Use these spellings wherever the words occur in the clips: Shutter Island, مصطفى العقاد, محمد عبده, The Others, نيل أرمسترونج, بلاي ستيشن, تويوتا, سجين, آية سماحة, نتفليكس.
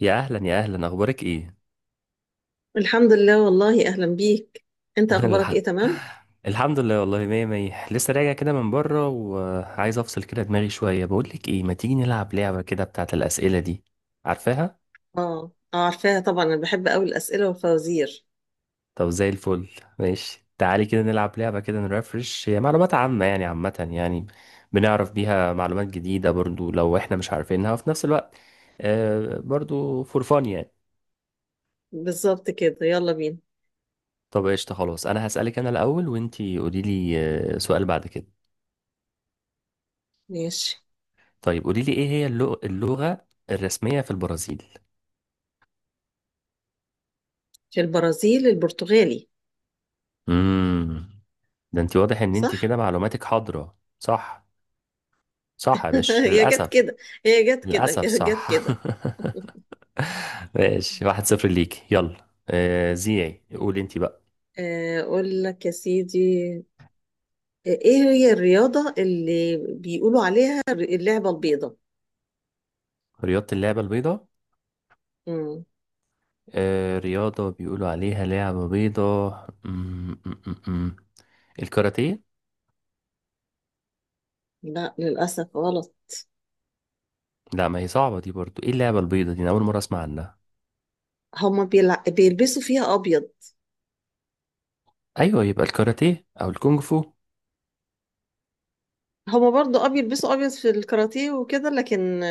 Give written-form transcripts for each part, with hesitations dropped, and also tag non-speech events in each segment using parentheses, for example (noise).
يا اهلا يا اهلا، اخبارك ايه؟ الحمد لله والله، اهلا بيك. (laughs) انت اخبارك الح- ايه؟ تمام. الحمد لله والله، مية مية. لسه راجع كده من بره وعايز افصل كده دماغي شويه. بقول لك ايه، ما تيجي نلعب لعبه كده بتاعت الاسئله دي؟ عارفاها؟ اه اه عارفاها طبعا. انا بحب قوي الاسئله والفوازير. طب زي الفل. ماشي تعالي كده نلعب لعبه كده نرفرش. هي معلومات عامه يعني، عامه يعني بنعرف بيها معلومات جديده برضو لو احنا مش عارفينها، وفي نفس الوقت برضو فور فان يعني. بالظبط كده، يلا بينا. طب قشطه، خلاص انا هسالك انا الاول وانتي قولي لي. سؤال بعد كده. ماشي. طيب قولي لي، ايه هي اللغة الرسمية في البرازيل؟ في البرازيل البرتغالي. امم، ده انت واضح ان انت صح. كده معلوماتك حاضرة، صح. صح يا (laughs) باشا، هي جت للأسف. كده. هي جت كده للأسف (laughs) جت صح. كده. (laughs) ماشي، 1-0 ليك. يلا زيعي، قولي انت بقى. اقول لك يا سيدي. ايه هي الرياضه اللي بيقولوا عليها اللعبه البيضاء؟ رياضة اللعبة البيضاء؟ مم. آه، رياضة بيقولوا عليها لعبة بيضاء. الكاراتيه. لا، للاسف غلط. لا، ما هي صعبة دي برضو. ايه اللعبة البيضاء دي؟ انا اول مرة اسمع عنها. هما بيلبسوا فيها ابيض. ايوه، يبقى الكاراتيه او الكونغ فو. هما برضو ابيض، بيلبسوا ابيض في الكاراتيه وكده، لكن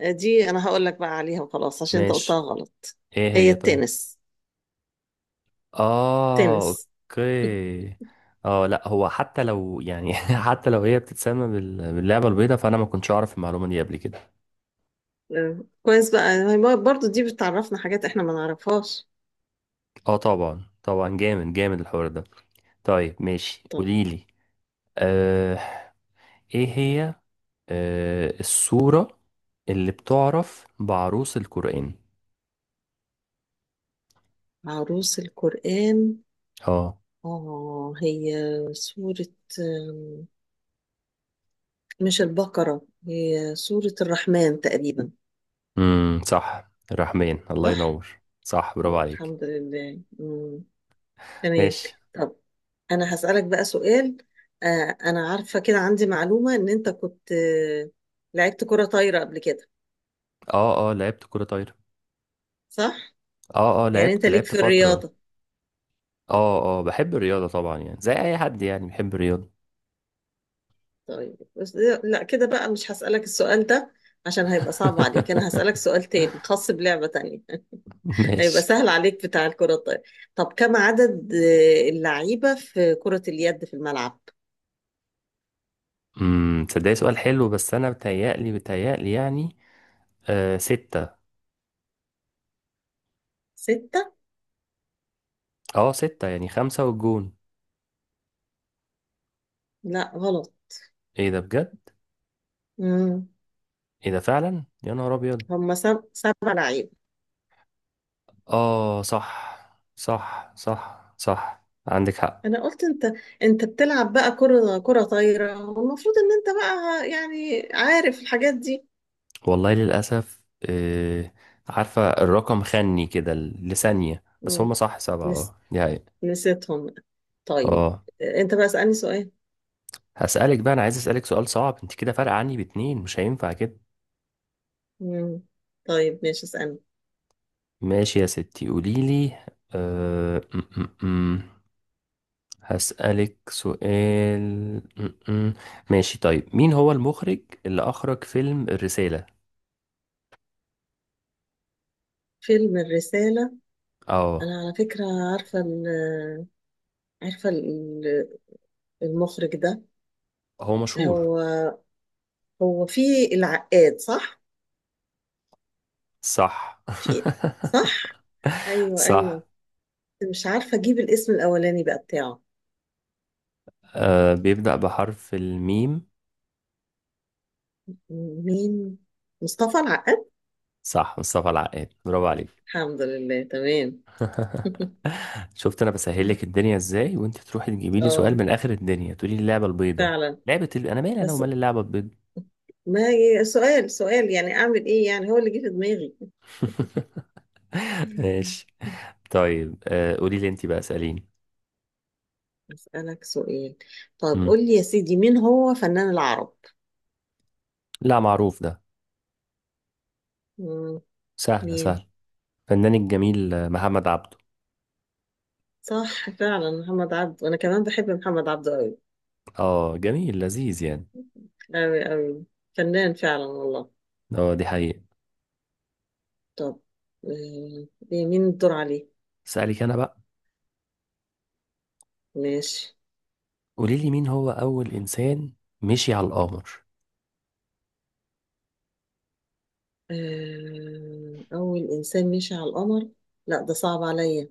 دي انا هقول لك بقى عليها وخلاص عشان انت قلتها ماشي. غلط. ايه هي هي طيب؟ التنس. اه، تنس. اوكي. اه لا، هو حتى لو يعني (laughs) حتى لو هي بتتسمى باللعبة البيضاء، فانا ما كنتش اعرف المعلومة دي قبل كده. كويس بقى. هي برضو دي بتعرفنا حاجات احنا ما نعرفهاش. اه طبعا، طبعا، جامد جامد الحوار ده. طيب ماشي طب قوليلي. آه ايه هي. السورة اللي بتعرف بعروس القرآن. عروس القرآن؟ اه. اه هي سورة آم، مش البقرة، هي سورة الرحمن تقريبا. صح، الرحمن. الله صح؟ ينور، صح، برافو طب عليك. الحمد لله. مم. تمام. ماشي. طب انا هسألك بقى سؤال. انا عارفة كده عندي معلومة ان انت كنت لعبت كرة طايرة قبل كده. اه اه، لعبت كرة طايرة. صح؟ اه اه، يعني انت لعبت ليك لعبت في فترة. الرياضة. اه اه، بحب الرياضة طبعا يعني، زي اي حد يعني بحب الرياضة. طيب بس، لا كده بقى مش هسألك السؤال ده عشان هيبقى صعب عليك. انا هسألك (laughs) سؤال تاني خاص بلعبة تانية (laughs) هيبقى ماشي. سهل عليك، بتاع الكرة الطايرة. طب كم عدد اللعيبة في كرة اليد في الملعب؟ تصدقي سؤال حلو، بس انا بتهيألي بتهيألي يعني. 6. ستة؟ اه 6، يعني 5 والجون. لا غلط. ايه ده بجد؟ مم. ايه ده فعلا، يا نهار ابيض. هم سبع لعيبة. اه صح، صح صح صح، عندك حق. انا قلت انت، انت بتلعب بقى كرة طايرة والمفروض ان انت بقى يعني عارف الحاجات دي. والله للأسف. آه عارفة، الرقم خني كده لثانية بس. مم. هما صح 7، نس... اه دي حقيقة. نسيتهم. طيب اه، انت بقى اسألني سؤال. هسألك بقى. أنا عايز أسألك سؤال صعب. أنت كده فارقة عني باتنين، مش هينفع كده. مم. طيب ماشي، اسألني. ماشي يا ستي قوليلي. أه... م- م- م. هسألك سؤال. م- م. ماشي طيب، مين هو المخرج اللي أخرج فيلم الرسالة؟ فيلم الرسالة. اه، أنا على فكرة عارفة عارفة ال- المخرج ده. هو مشهور. هو هو في العقاد، صح؟ صح. في، (laughs) صح؟ أيوه أيوه. صح. مش عارفة أجيب الاسم الأولاني بقى بتاعه. بيبدأ بحرف الميم. مين؟ مصطفى العقاد؟ صح، مصطفى العقاد، برافو عليك. الحمد لله تمام. (laughs) (laughs) شفت انا بسهلك الدنيا ازاي، وانت تروحي تجيبي لي سؤال اه من اخر الدنيا، تقولي لي اللعبه البيضاء. فعلا. انا مالي انا بس ومال اللعبه البيضاء. ما، سؤال سؤال يعني، أعمل إيه يعني؟ هو اللي جه في دماغي. (laughs) ماشي (laughs) طيب، قولي لي انت بقى، اساليني. أسألك سؤال. طيب مم. قول لي يا سيدي، مين هو فنان العرب؟ لا، معروف ده. مم، سهله مين؟ سهله. فنان الجميل، محمد عبده. صح، فعلا محمد عبده. أنا كمان بحب محمد عبده أوي. اه، جميل، لذيذ يعني. أوي أوي. فنان فعلا والله. اه دي حقيقه. طب آه، إيه، مين الدور عليه؟ اسالك انا بقى. ماشي. قولي لي، مين هو اول انسان مشي على القمر؟ أول إنسان مشي على القمر. لا، ده صعب عليا.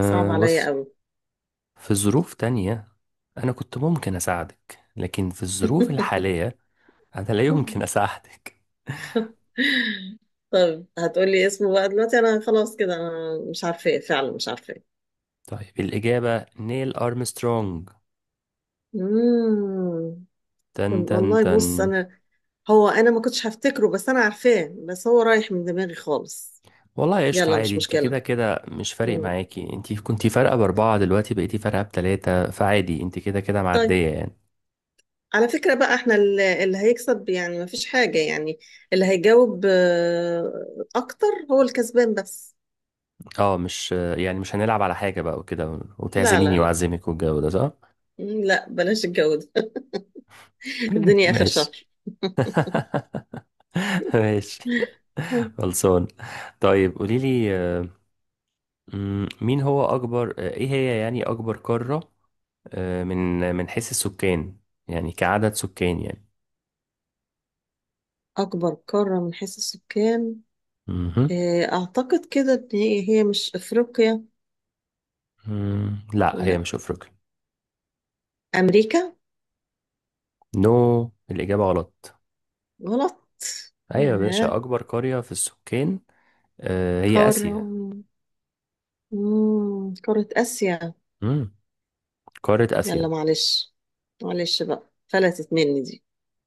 صعب عليا بص، أوي. في ظروف تانية انا كنت ممكن اساعدك، لكن في الظروف (laughs) الحاليه أنا لا يمكن أساعدك. طب هتقولي اسمه بقى دلوقتي؟ أنا خلاص كده، أنا مش عارفة فعلا، مش عارفة. طيب الإجابة نيل أرمسترونج. مم. تن تن والله تن. بص انا، هو انا ما كنتش هفتكره بس انا عارفاه، بس هو رايح من دماغي خالص. والله قشطة، يلا، عادي. مش انت مشكلة. كده كده مش فارق مم. معاكي. انت كنتي فارقة بأربعة، دلوقتي بقيتي فارقة بتلاتة، فعادي، انت كده كده طيب. معدية يعني. على فكرة بقى، احنا اللي هيكسب، يعني ما فيش حاجة يعني، اللي هيجاوب اكتر هو الكسبان بس. اه مش يعني، مش هنلعب على حاجة بقى وكده، لا لا وتعزميني لا. وأعزمك والجو ده، صح؟ مم، لا بلاش الجو ده. (laughs) (laughs) الدنيا اخر ماشي. شهر. (laughs) ماشي. (laughs) خلصان. طيب قوليلي، مين هو أكبر، ايه هي يعني أكبر قارة من حيث السكان؟ يعني كعدد سكان يعني. اكبر قارة من حيث السكان؟ مهم. اعتقد كده ان هي مش افريقيا. لا، هي ولا مش أفريقيا. امريكا. نو، الإجابة غلط. غلط. أيوة يا آه. باشا، أكبر قرية في السكان هي قارة. آسيا. مم. قارة آسيا. مم، قارة يلا آسيا. معلش. معلش بقى، فلتت مني دي.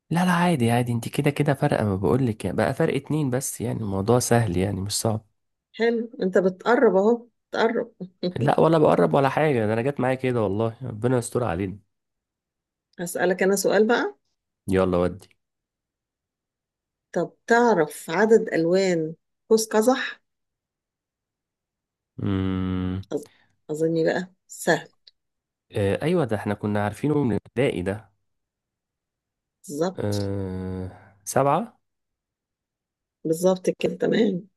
لا لا، عادي عادي. انت كده كده فرق، ما بقولك يعني، بقى فرق اتنين بس، يعني الموضوع سهل، يعني مش صعب. حلو، انت بتقرب اهو، بتقرب. (laughs) لا، ولا بقرب ولا حاجة. ده أنا جت معايا كده، والله ربنا يستر علينا. هسألك انا سؤال بقى. يلا ودي. طب تعرف عدد ألوان قوس قزح؟ مم. أظ- أظني بقى سهل. أيوة، ده احنا كنا عارفينه من الابتدائي ده. بالظبط. 7. بالظبط كده، تمام.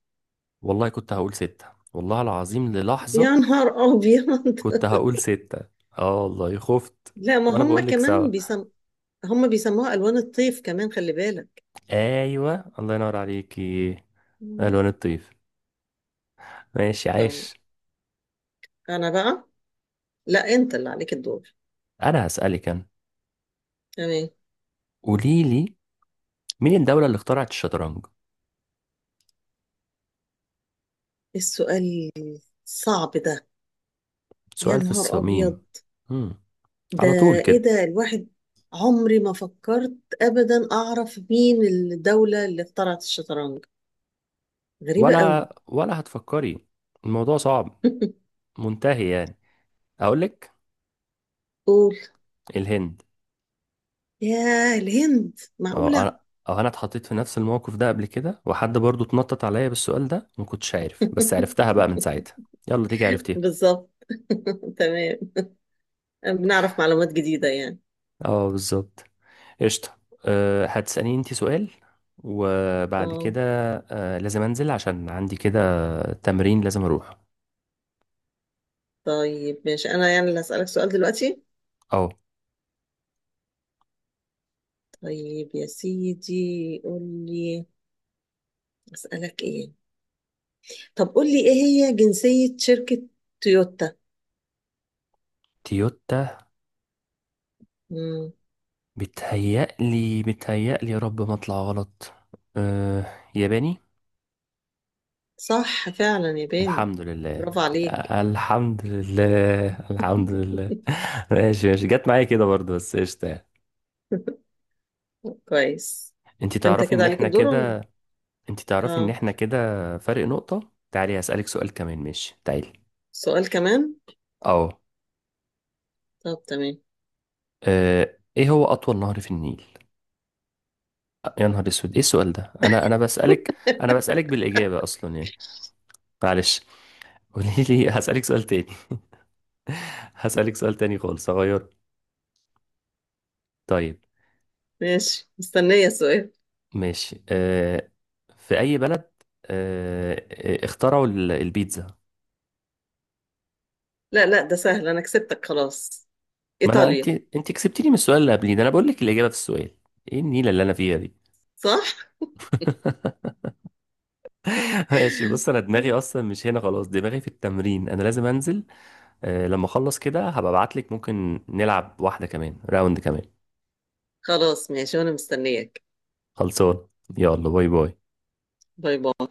والله كنت هقول 6، والله العظيم يا للحظة نهار أبيض. كنت هقول ستة، اه والله خفت. (laughs) لا، ما وانا هم بقول لك سوا. كمان هم بيسموها ألوان الطيف كمان، خلي بالك. ايوه، الله ينور عليكي. مم. الوان الطيف. ماشي، طيب. عاش. أنا بقى، لا، أنت اللي عليك الدور. انا هسألك انا. تمام. قولي لي، مين الدولة اللي اخترعت الشطرنج؟ السؤال صعب ده. يا سؤال في نهار أبيض. الصميم. مم. ده على طول إيه كده. ده! الواحد عمري ما فكرت أبدا أعرف مين الدولة اللي اخترعت الشطرنج. غريبة قوي. ولا هتفكري، الموضوع صعب (laughs) منتهي يعني. اقول لك، قول. الهند. يا الهند، اه معقولة! انا، اه انا اتحطيت في نفس الموقف ده قبل كده، وحد برضو اتنطط عليا بالسؤال ده ما كنتش عارف، بس عرفتها بقى من (laughs) ساعتها. يلا، ديك عرفتيها. بالظبط. (laughs) تمام. بنعرف معلومات جديدة يعني. اه بالظبط. قشطة. هتسأليني انت سؤال، وبعد اه. كده لازم انزل، عشان عندي كده تمرين لازم اروح. طيب ماشي، أنا يعني اللي هسألك سؤال دلوقتي. اه. طيب يا سيدي قول لي، أسألك إيه؟ طب قول لي، إيه هي جنسية شركة تويوتا؟ تويوتا. مم. بتهيألي بتهيألي، يا رب ما اطلع غلط. أه ياباني. صح، فعلا ياباني. الحمد لله، برافو عليك. الحمد لله، الحمد لله. (laughs) ماشي ماشي، جت معايا كده برضو، بس قشطة يعني. (laughs) كويس. انت انت تعرفي كده ان عليك احنا الدور ولا كده، إيه؟ انت تعرفي ان اه، احنا كده فرق نقطة. تعالي هسألك سؤال كمان، ماشي تعالي. سؤال كمان. اه، طب تمام. اه، ايه هو اطول نهر في النيل؟ يا نهار اسود، ايه السؤال ده؟ انا بسألك انا بسألك بالإجابة اصلا يعني. معلش، قولي لي. (laughs) هسألك سؤال تاني. (laughs) هسألك سؤال تاني خالص، هغيره. طيب ماشي، مستنية السؤال. ماشي. اه في اي بلد اه، اخترعوا البيتزا؟ لا لا، ده سهل، انا كسبتك خلاص. ما انا، انت ايطاليا. انت كسبتيني من السؤال اللي قبليه ده، انا بقول لك الإجابة في السؤال. ايه النيلة اللي انا فيها دي. صح. (laughs) ماشي، بص انا دماغي (laughs) اصلا مش هنا خلاص، دماغي في التمرين، انا لازم انزل. لما اخلص كده هبقى ابعتلك، ممكن نلعب واحدة كمان، راوند كمان. خلاص ماشي، وانا مستنياك. خلصان. يلا، باي باي. باي باي.